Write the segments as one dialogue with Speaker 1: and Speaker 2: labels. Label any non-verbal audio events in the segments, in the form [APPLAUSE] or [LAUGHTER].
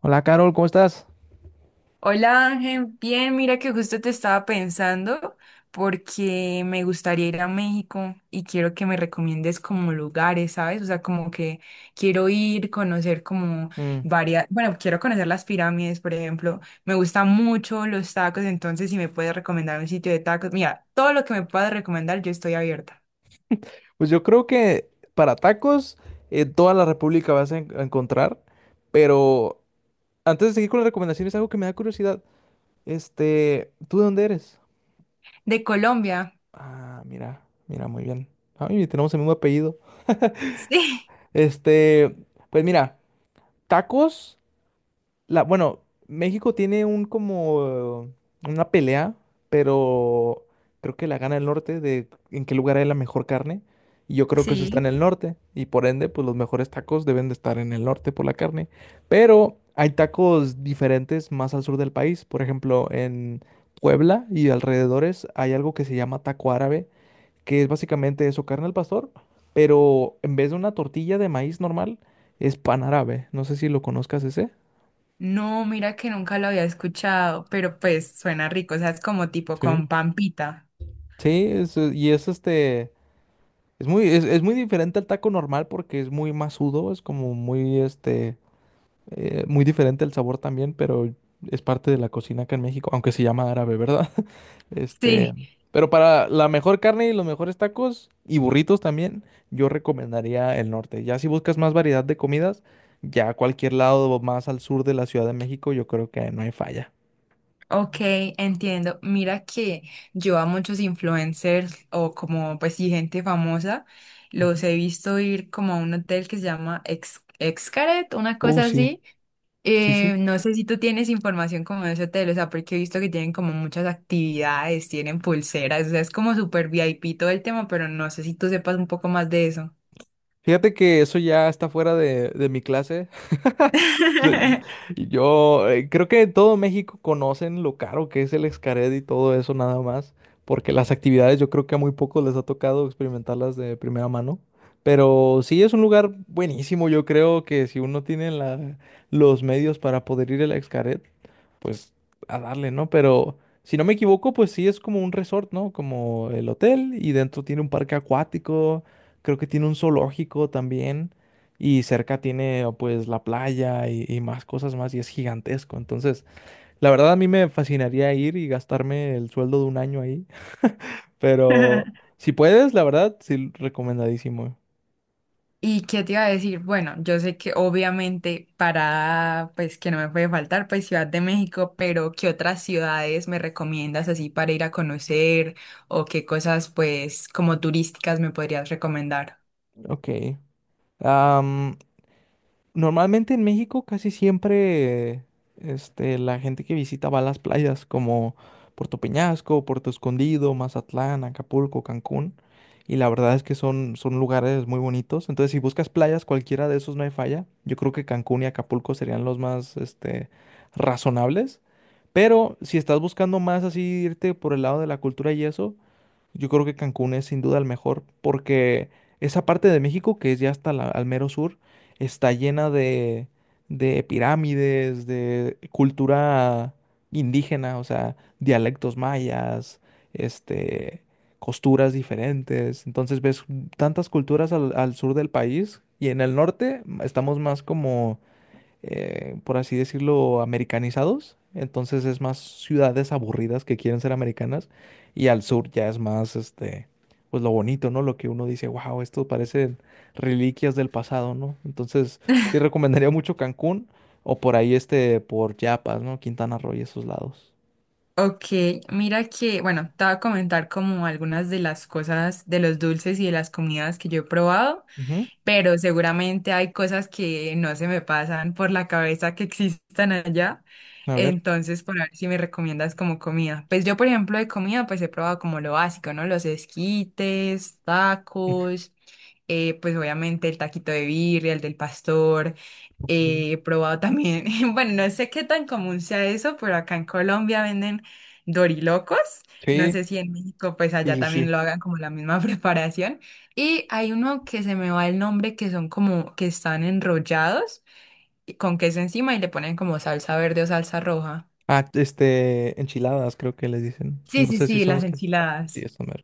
Speaker 1: Hola, Carol, ¿cómo estás?
Speaker 2: Hola Ángel, bien, mira que justo te estaba pensando porque me gustaría ir a México y quiero que me recomiendes como lugares, ¿sabes? O sea, como que quiero ir, conocer como
Speaker 1: Mm.
Speaker 2: varias, bueno, quiero conocer las pirámides, por ejemplo. Me gustan mucho los tacos, entonces si me puedes recomendar un sitio de tacos, mira, todo lo que me puedas recomendar, yo estoy abierta.
Speaker 1: Pues yo creo que para tacos en toda la República vas a, a encontrar, pero antes de seguir con las recomendaciones, algo que me da curiosidad. ¿Tú de dónde eres?
Speaker 2: De Colombia. [LAUGHS]
Speaker 1: Ah, mira, mira, muy bien. Ay, tenemos el mismo apellido.
Speaker 2: Sí.
Speaker 1: Este, pues mira, tacos. La, bueno, México tiene un como una pelea, pero creo que la gana el norte de en qué lugar hay la mejor carne. Y yo creo que eso está en
Speaker 2: Sí,
Speaker 1: el norte. Y por ende, pues los mejores tacos deben de estar en el norte por la carne. Pero hay tacos diferentes más al sur del país. Por ejemplo, en Puebla y alrededores hay algo que se llama taco árabe, que es básicamente eso, carne al pastor, pero en vez de una tortilla de maíz normal, es pan árabe. No sé si lo conozcas ese.
Speaker 2: no, mira que nunca lo había escuchado, pero pues suena rico, o sea, es como tipo
Speaker 1: Sí.
Speaker 2: con pampita.
Speaker 1: Sí, es, y es es muy diferente al taco normal porque es muy masudo, es como muy, muy diferente el sabor también, pero es parte de la cocina acá en México, aunque se llama árabe, ¿verdad? [LAUGHS] Este,
Speaker 2: Sí,
Speaker 1: pero para la mejor carne y los mejores tacos y burritos también, yo recomendaría el norte. Ya si buscas más variedad de comidas, ya cualquier lado más al sur de la Ciudad de México, yo creo que no hay falla.
Speaker 2: ok, entiendo. Mira que yo a muchos influencers o como pues sí gente famosa los
Speaker 1: Ujú.
Speaker 2: he visto ir como a un hotel que se llama Ex Xcaret, una cosa
Speaker 1: Sí,
Speaker 2: así.
Speaker 1: sí, sí.
Speaker 2: No sé si tú tienes información como de ese hotel, o sea, porque he visto que tienen como muchas actividades, tienen pulseras, o sea, es como súper VIP todo el tema, pero no sé si tú sepas un poco más de eso.
Speaker 1: Fíjate que eso ya está fuera de mi clase. [LAUGHS] sea,
Speaker 2: [LAUGHS]
Speaker 1: y yo creo que en todo México conocen lo caro que es el Xcaret y todo eso nada más, porque las actividades yo creo que a muy pocos les ha tocado experimentarlas de primera mano. Pero sí es un lugar buenísimo, yo creo que si uno tiene los medios para poder ir al Xcaret, pues a darle, ¿no? Pero si no me equivoco, pues sí es como un resort, ¿no? Como el hotel y dentro tiene un parque acuático, creo que tiene un zoológico también y cerca tiene oh, pues la playa y más cosas más y es gigantesco. Entonces, la verdad a mí me fascinaría ir y gastarme el sueldo de un año ahí, [LAUGHS] pero si puedes, la verdad, sí, recomendadísimo.
Speaker 2: ¿Y qué te iba a decir? Bueno, yo sé que obviamente para, pues que no me puede faltar, pues Ciudad de México, pero ¿qué otras ciudades me recomiendas así para ir a conocer o qué cosas pues como turísticas me podrías recomendar?
Speaker 1: Ok. Am, normalmente en México casi siempre la gente que visita va a las playas como Puerto Peñasco, Puerto Escondido, Mazatlán, Acapulco, Cancún. Y la verdad es que son, son lugares muy bonitos. Entonces, si buscas playas, cualquiera de esos no hay falla. Yo creo que Cancún y Acapulco serían los más razonables. Pero si estás buscando más así irte por el lado de la cultura y eso, yo creo que Cancún es sin duda el mejor porque esa parte de México, que es ya hasta al mero sur, está llena de pirámides, de cultura indígena, o sea, dialectos mayas, este, costuras diferentes. Entonces ves tantas culturas al, al sur del país y en el norte estamos más como por así decirlo, americanizados. Entonces es más ciudades aburridas que quieren ser americanas. Y al sur ya es más, pues lo bonito, ¿no? Lo que uno dice, wow, esto parecen reliquias del pasado, ¿no? Entonces sí recomendaría mucho Cancún o por ahí, por Chiapas, ¿no? Quintana Roo y esos lados.
Speaker 2: Ok, mira que, bueno, te voy a comentar como algunas de las cosas, de los dulces y de las comidas que yo he probado,
Speaker 1: Ujú.
Speaker 2: pero seguramente hay cosas que no se me pasan por la cabeza que existan allá.
Speaker 1: A ver.
Speaker 2: Entonces, por ver si me recomiendas como comida. Pues yo, por ejemplo, de comida, pues he probado como lo básico, ¿no? Los esquites, tacos, pues obviamente el taquito de birria, el del pastor.
Speaker 1: Ujú.
Speaker 2: Eh, he probado también, [LAUGHS] bueno, no sé qué tan común sea eso, pero acá en Colombia venden dorilocos. No
Speaker 1: Sí,
Speaker 2: sé si en México, pues
Speaker 1: sí,
Speaker 2: allá
Speaker 1: sí, sí.
Speaker 2: también lo hagan como la misma [LAUGHS] preparación. Y hay uno que se me va el nombre, que son como que están enrollados con queso encima y le ponen como salsa verde o salsa roja.
Speaker 1: Ah, enchiladas creo que les dicen.
Speaker 2: Sí,
Speaker 1: No
Speaker 2: sí,
Speaker 1: sé si
Speaker 2: sí,
Speaker 1: son
Speaker 2: las
Speaker 1: los que… Sí,
Speaker 2: enchiladas.
Speaker 1: esto mero.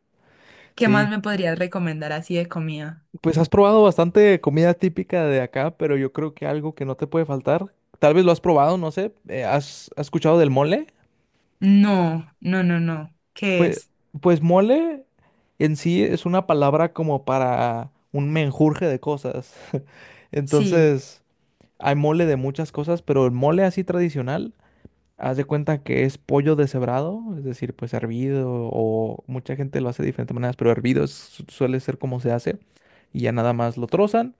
Speaker 2: ¿Qué más
Speaker 1: Sí.
Speaker 2: me podrías recomendar así de comida?
Speaker 1: Pues has probado bastante comida típica de acá, pero yo creo que algo que no te puede faltar, tal vez lo has probado, no sé, ¿has escuchado del mole?
Speaker 2: No, no, no, no. ¿Qué
Speaker 1: Pues,
Speaker 2: es?
Speaker 1: pues mole en sí es una palabra como para un menjurje de cosas. [LAUGHS]
Speaker 2: Sí.
Speaker 1: Entonces, hay mole de muchas cosas, pero el mole así tradicional. Haz de cuenta que es pollo deshebrado, es decir, pues hervido, o mucha gente lo hace de diferentes maneras, pero hervido suele ser como se hace, y ya nada más lo trozan,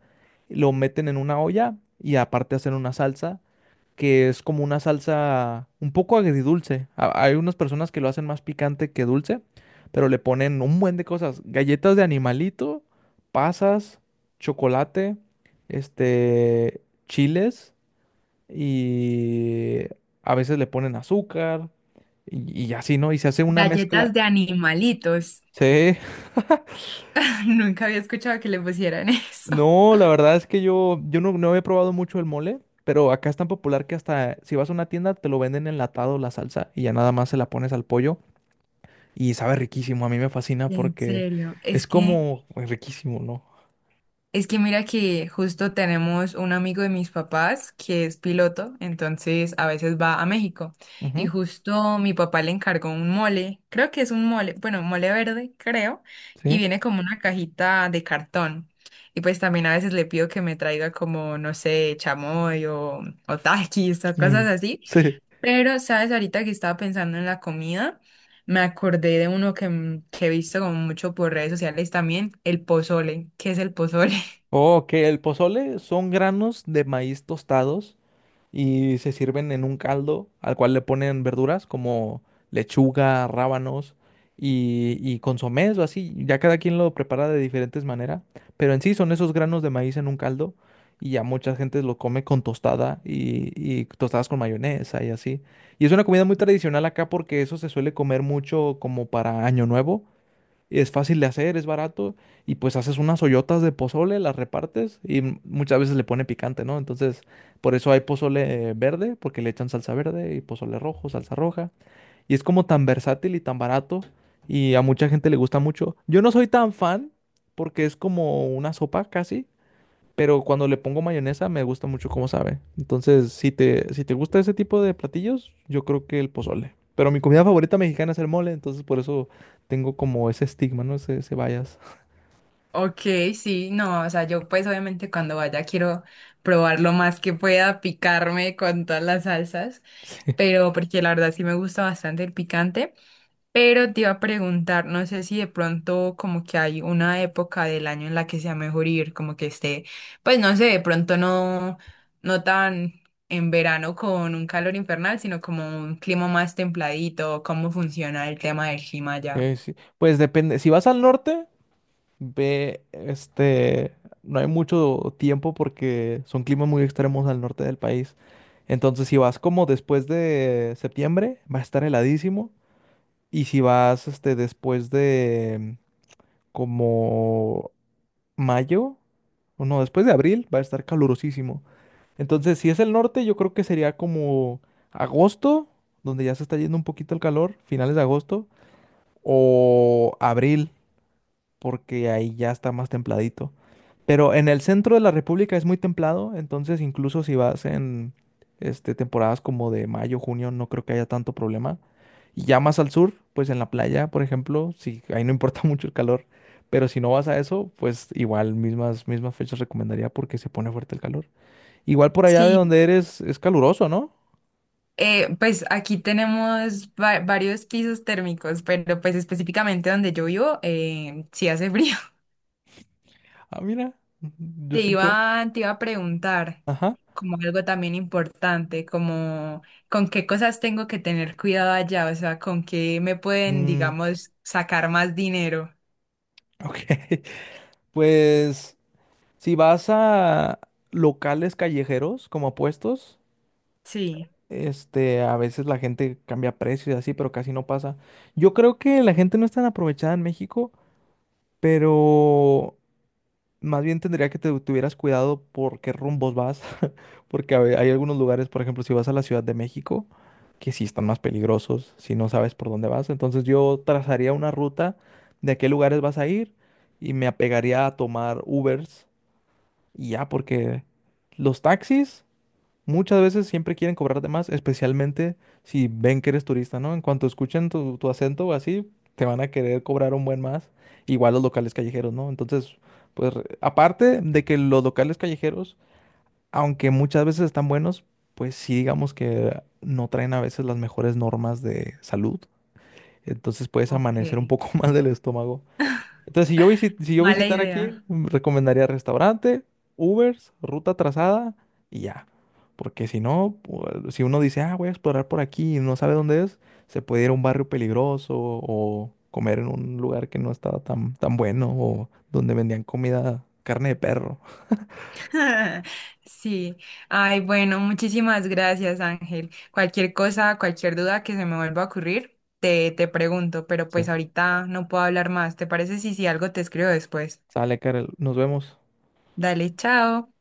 Speaker 1: lo meten en una olla y aparte hacen una salsa, que es como una salsa un poco agridulce. Hay unas personas que lo hacen más picante que dulce, pero le ponen un buen de cosas, galletas de animalito, pasas, chocolate, este, chiles y a veces le ponen azúcar y así, ¿no? Y se hace una mezcla.
Speaker 2: Galletas de animalitos.
Speaker 1: Sí. [LAUGHS]
Speaker 2: [LAUGHS] Nunca había escuchado que le pusieran [LAUGHS] eso.
Speaker 1: No, la verdad es que yo no, no he probado mucho el mole, pero acá es tan popular que hasta si vas a una tienda te lo venden enlatado la salsa y ya nada más se la pones al pollo y sabe riquísimo. A mí me fascina
Speaker 2: En
Speaker 1: porque
Speaker 2: serio, es
Speaker 1: es
Speaker 2: que
Speaker 1: como pues, riquísimo, ¿no?
Speaker 2: es que mira que justo tenemos un amigo de mis papás que es piloto, entonces a veces va a México y
Speaker 1: Ujú,
Speaker 2: justo mi papá le encargó un mole, creo que es un mole, bueno, mole verde, creo, y
Speaker 1: sí.
Speaker 2: viene como una cajita de cartón. Y pues también a veces le pido que me traiga como, no sé, chamoy o taquis o cosas
Speaker 1: Mm,
Speaker 2: así.
Speaker 1: [LAUGHS] sí.
Speaker 2: Pero, ¿sabes? Ahorita que estaba pensando en la comida, me acordé de uno que, que he visto como mucho por redes sociales también, el pozole. ¿Qué es el pozole? [LAUGHS]
Speaker 1: Ok, el pozole son granos de maíz tostados y se sirven en un caldo al cual le ponen verduras como lechuga, rábanos y consomés o así. Ya cada quien lo prepara de diferentes maneras, pero en sí son esos granos de maíz en un caldo y ya mucha gente lo come con tostada y tostadas con mayonesa y así. Y es una comida muy tradicional acá porque eso se suele comer mucho como para Año Nuevo, es fácil de hacer, es barato y pues haces unas ollotas de pozole, las repartes y muchas veces le pone picante, ¿no? Entonces, por eso hay pozole verde, porque le echan salsa verde y pozole rojo, salsa roja. Y es como tan versátil y tan barato y a mucha gente le gusta mucho. Yo no soy tan fan porque es como una sopa casi, pero cuando le pongo mayonesa me gusta mucho cómo sabe. Entonces, si te gusta ese tipo de platillos, yo creo que el pozole. Pero mi comida favorita mexicana es el mole, entonces por eso tengo como ese estigma, ¿no? Ese bias.
Speaker 2: Ok, sí, no, o sea, yo pues obviamente cuando vaya quiero probar lo más que pueda, picarme con todas las salsas,
Speaker 1: [LAUGHS]
Speaker 2: pero porque la verdad sí me gusta bastante el picante, pero te iba a preguntar, no sé si de pronto como que hay una época del año en la que sea mejor ir, como que esté, pues no sé, de pronto no, no tan en verano con un calor infernal, sino como un clima más templadito, cómo funciona el tema del clima allá.
Speaker 1: Sí, sí, sí. Pues depende. Si vas al norte, ve, no hay mucho tiempo porque son climas muy extremos al norte del país. Entonces, si vas como después de septiembre, va a estar heladísimo. Y si vas, después de como mayo, o no, después de abril va a estar calurosísimo. Entonces, si es el norte, yo creo que sería como agosto, donde ya se está yendo un poquito el calor, finales de agosto, o abril, porque ahí ya está más templadito. Pero en el centro de la República es muy templado, entonces incluso si vas en temporadas como de mayo, junio, no creo que haya tanto problema. Y ya más al sur, pues en la playa, por ejemplo, sí, ahí no importa [LAUGHS] mucho el calor. Pero si no vas a eso, pues igual mismas, mismas fechas recomendaría porque se pone fuerte el calor. Igual por allá de
Speaker 2: Sí,
Speaker 1: donde eres es caluroso, ¿no?
Speaker 2: Pues aquí tenemos varios pisos térmicos, pero pues específicamente donde yo vivo, sí hace frío. [LAUGHS]
Speaker 1: Ah, mira, yo
Speaker 2: Te
Speaker 1: siempre…
Speaker 2: iba, te iba a preguntar
Speaker 1: Ajá.
Speaker 2: como algo también importante, como con qué cosas tengo que tener cuidado allá, o sea, con qué me pueden,
Speaker 1: Mm,
Speaker 2: digamos, sacar más dinero.
Speaker 1: ok. [LAUGHS] Pues si vas a locales callejeros como a puestos,
Speaker 2: Sí,
Speaker 1: A veces la gente cambia precio y así, pero casi no pasa. Yo creo que la gente no es tan aprovechada en México, pero más bien tendría que te tuvieras cuidado por qué rumbos vas, [LAUGHS] porque hay algunos lugares, por ejemplo, si vas a la Ciudad de México, que sí están más peligrosos si no sabes por dónde vas. Entonces yo trazaría una ruta de a qué lugares vas a ir y me apegaría a tomar Ubers y ya, porque los taxis… Muchas veces siempre quieren cobrarte más, especialmente si ven que eres turista, ¿no? En cuanto escuchen tu, tu acento o así, te van a querer cobrar un buen más. Igual los locales callejeros, ¿no? Entonces, pues aparte de que los locales callejeros, aunque muchas veces están buenos, pues sí digamos que no traen a veces las mejores normas de salud. Entonces puedes
Speaker 2: ok.
Speaker 1: amanecer un poco [LAUGHS] más del estómago. Entonces, si yo
Speaker 2: Mala
Speaker 1: visitara aquí,
Speaker 2: idea.
Speaker 1: mm, recomendaría restaurante, Ubers, ruta trazada y ya. Porque si no, si uno dice, ah, voy a explorar por aquí y no sabe dónde es, se puede ir a un barrio peligroso o comer en un lugar que no estaba tan, tan bueno o donde vendían comida, carne de perro. [LAUGHS]
Speaker 2: [LAUGHS] Sí. Ay, bueno, muchísimas gracias, Ángel. Cualquier cosa, cualquier duda que se me vuelva a ocurrir, te pregunto, pero pues
Speaker 1: O
Speaker 2: ahorita no puedo hablar más. ¿Te parece si, si algo te escribo después?
Speaker 1: sale, Karel, nos vemos.
Speaker 2: Dale, chao.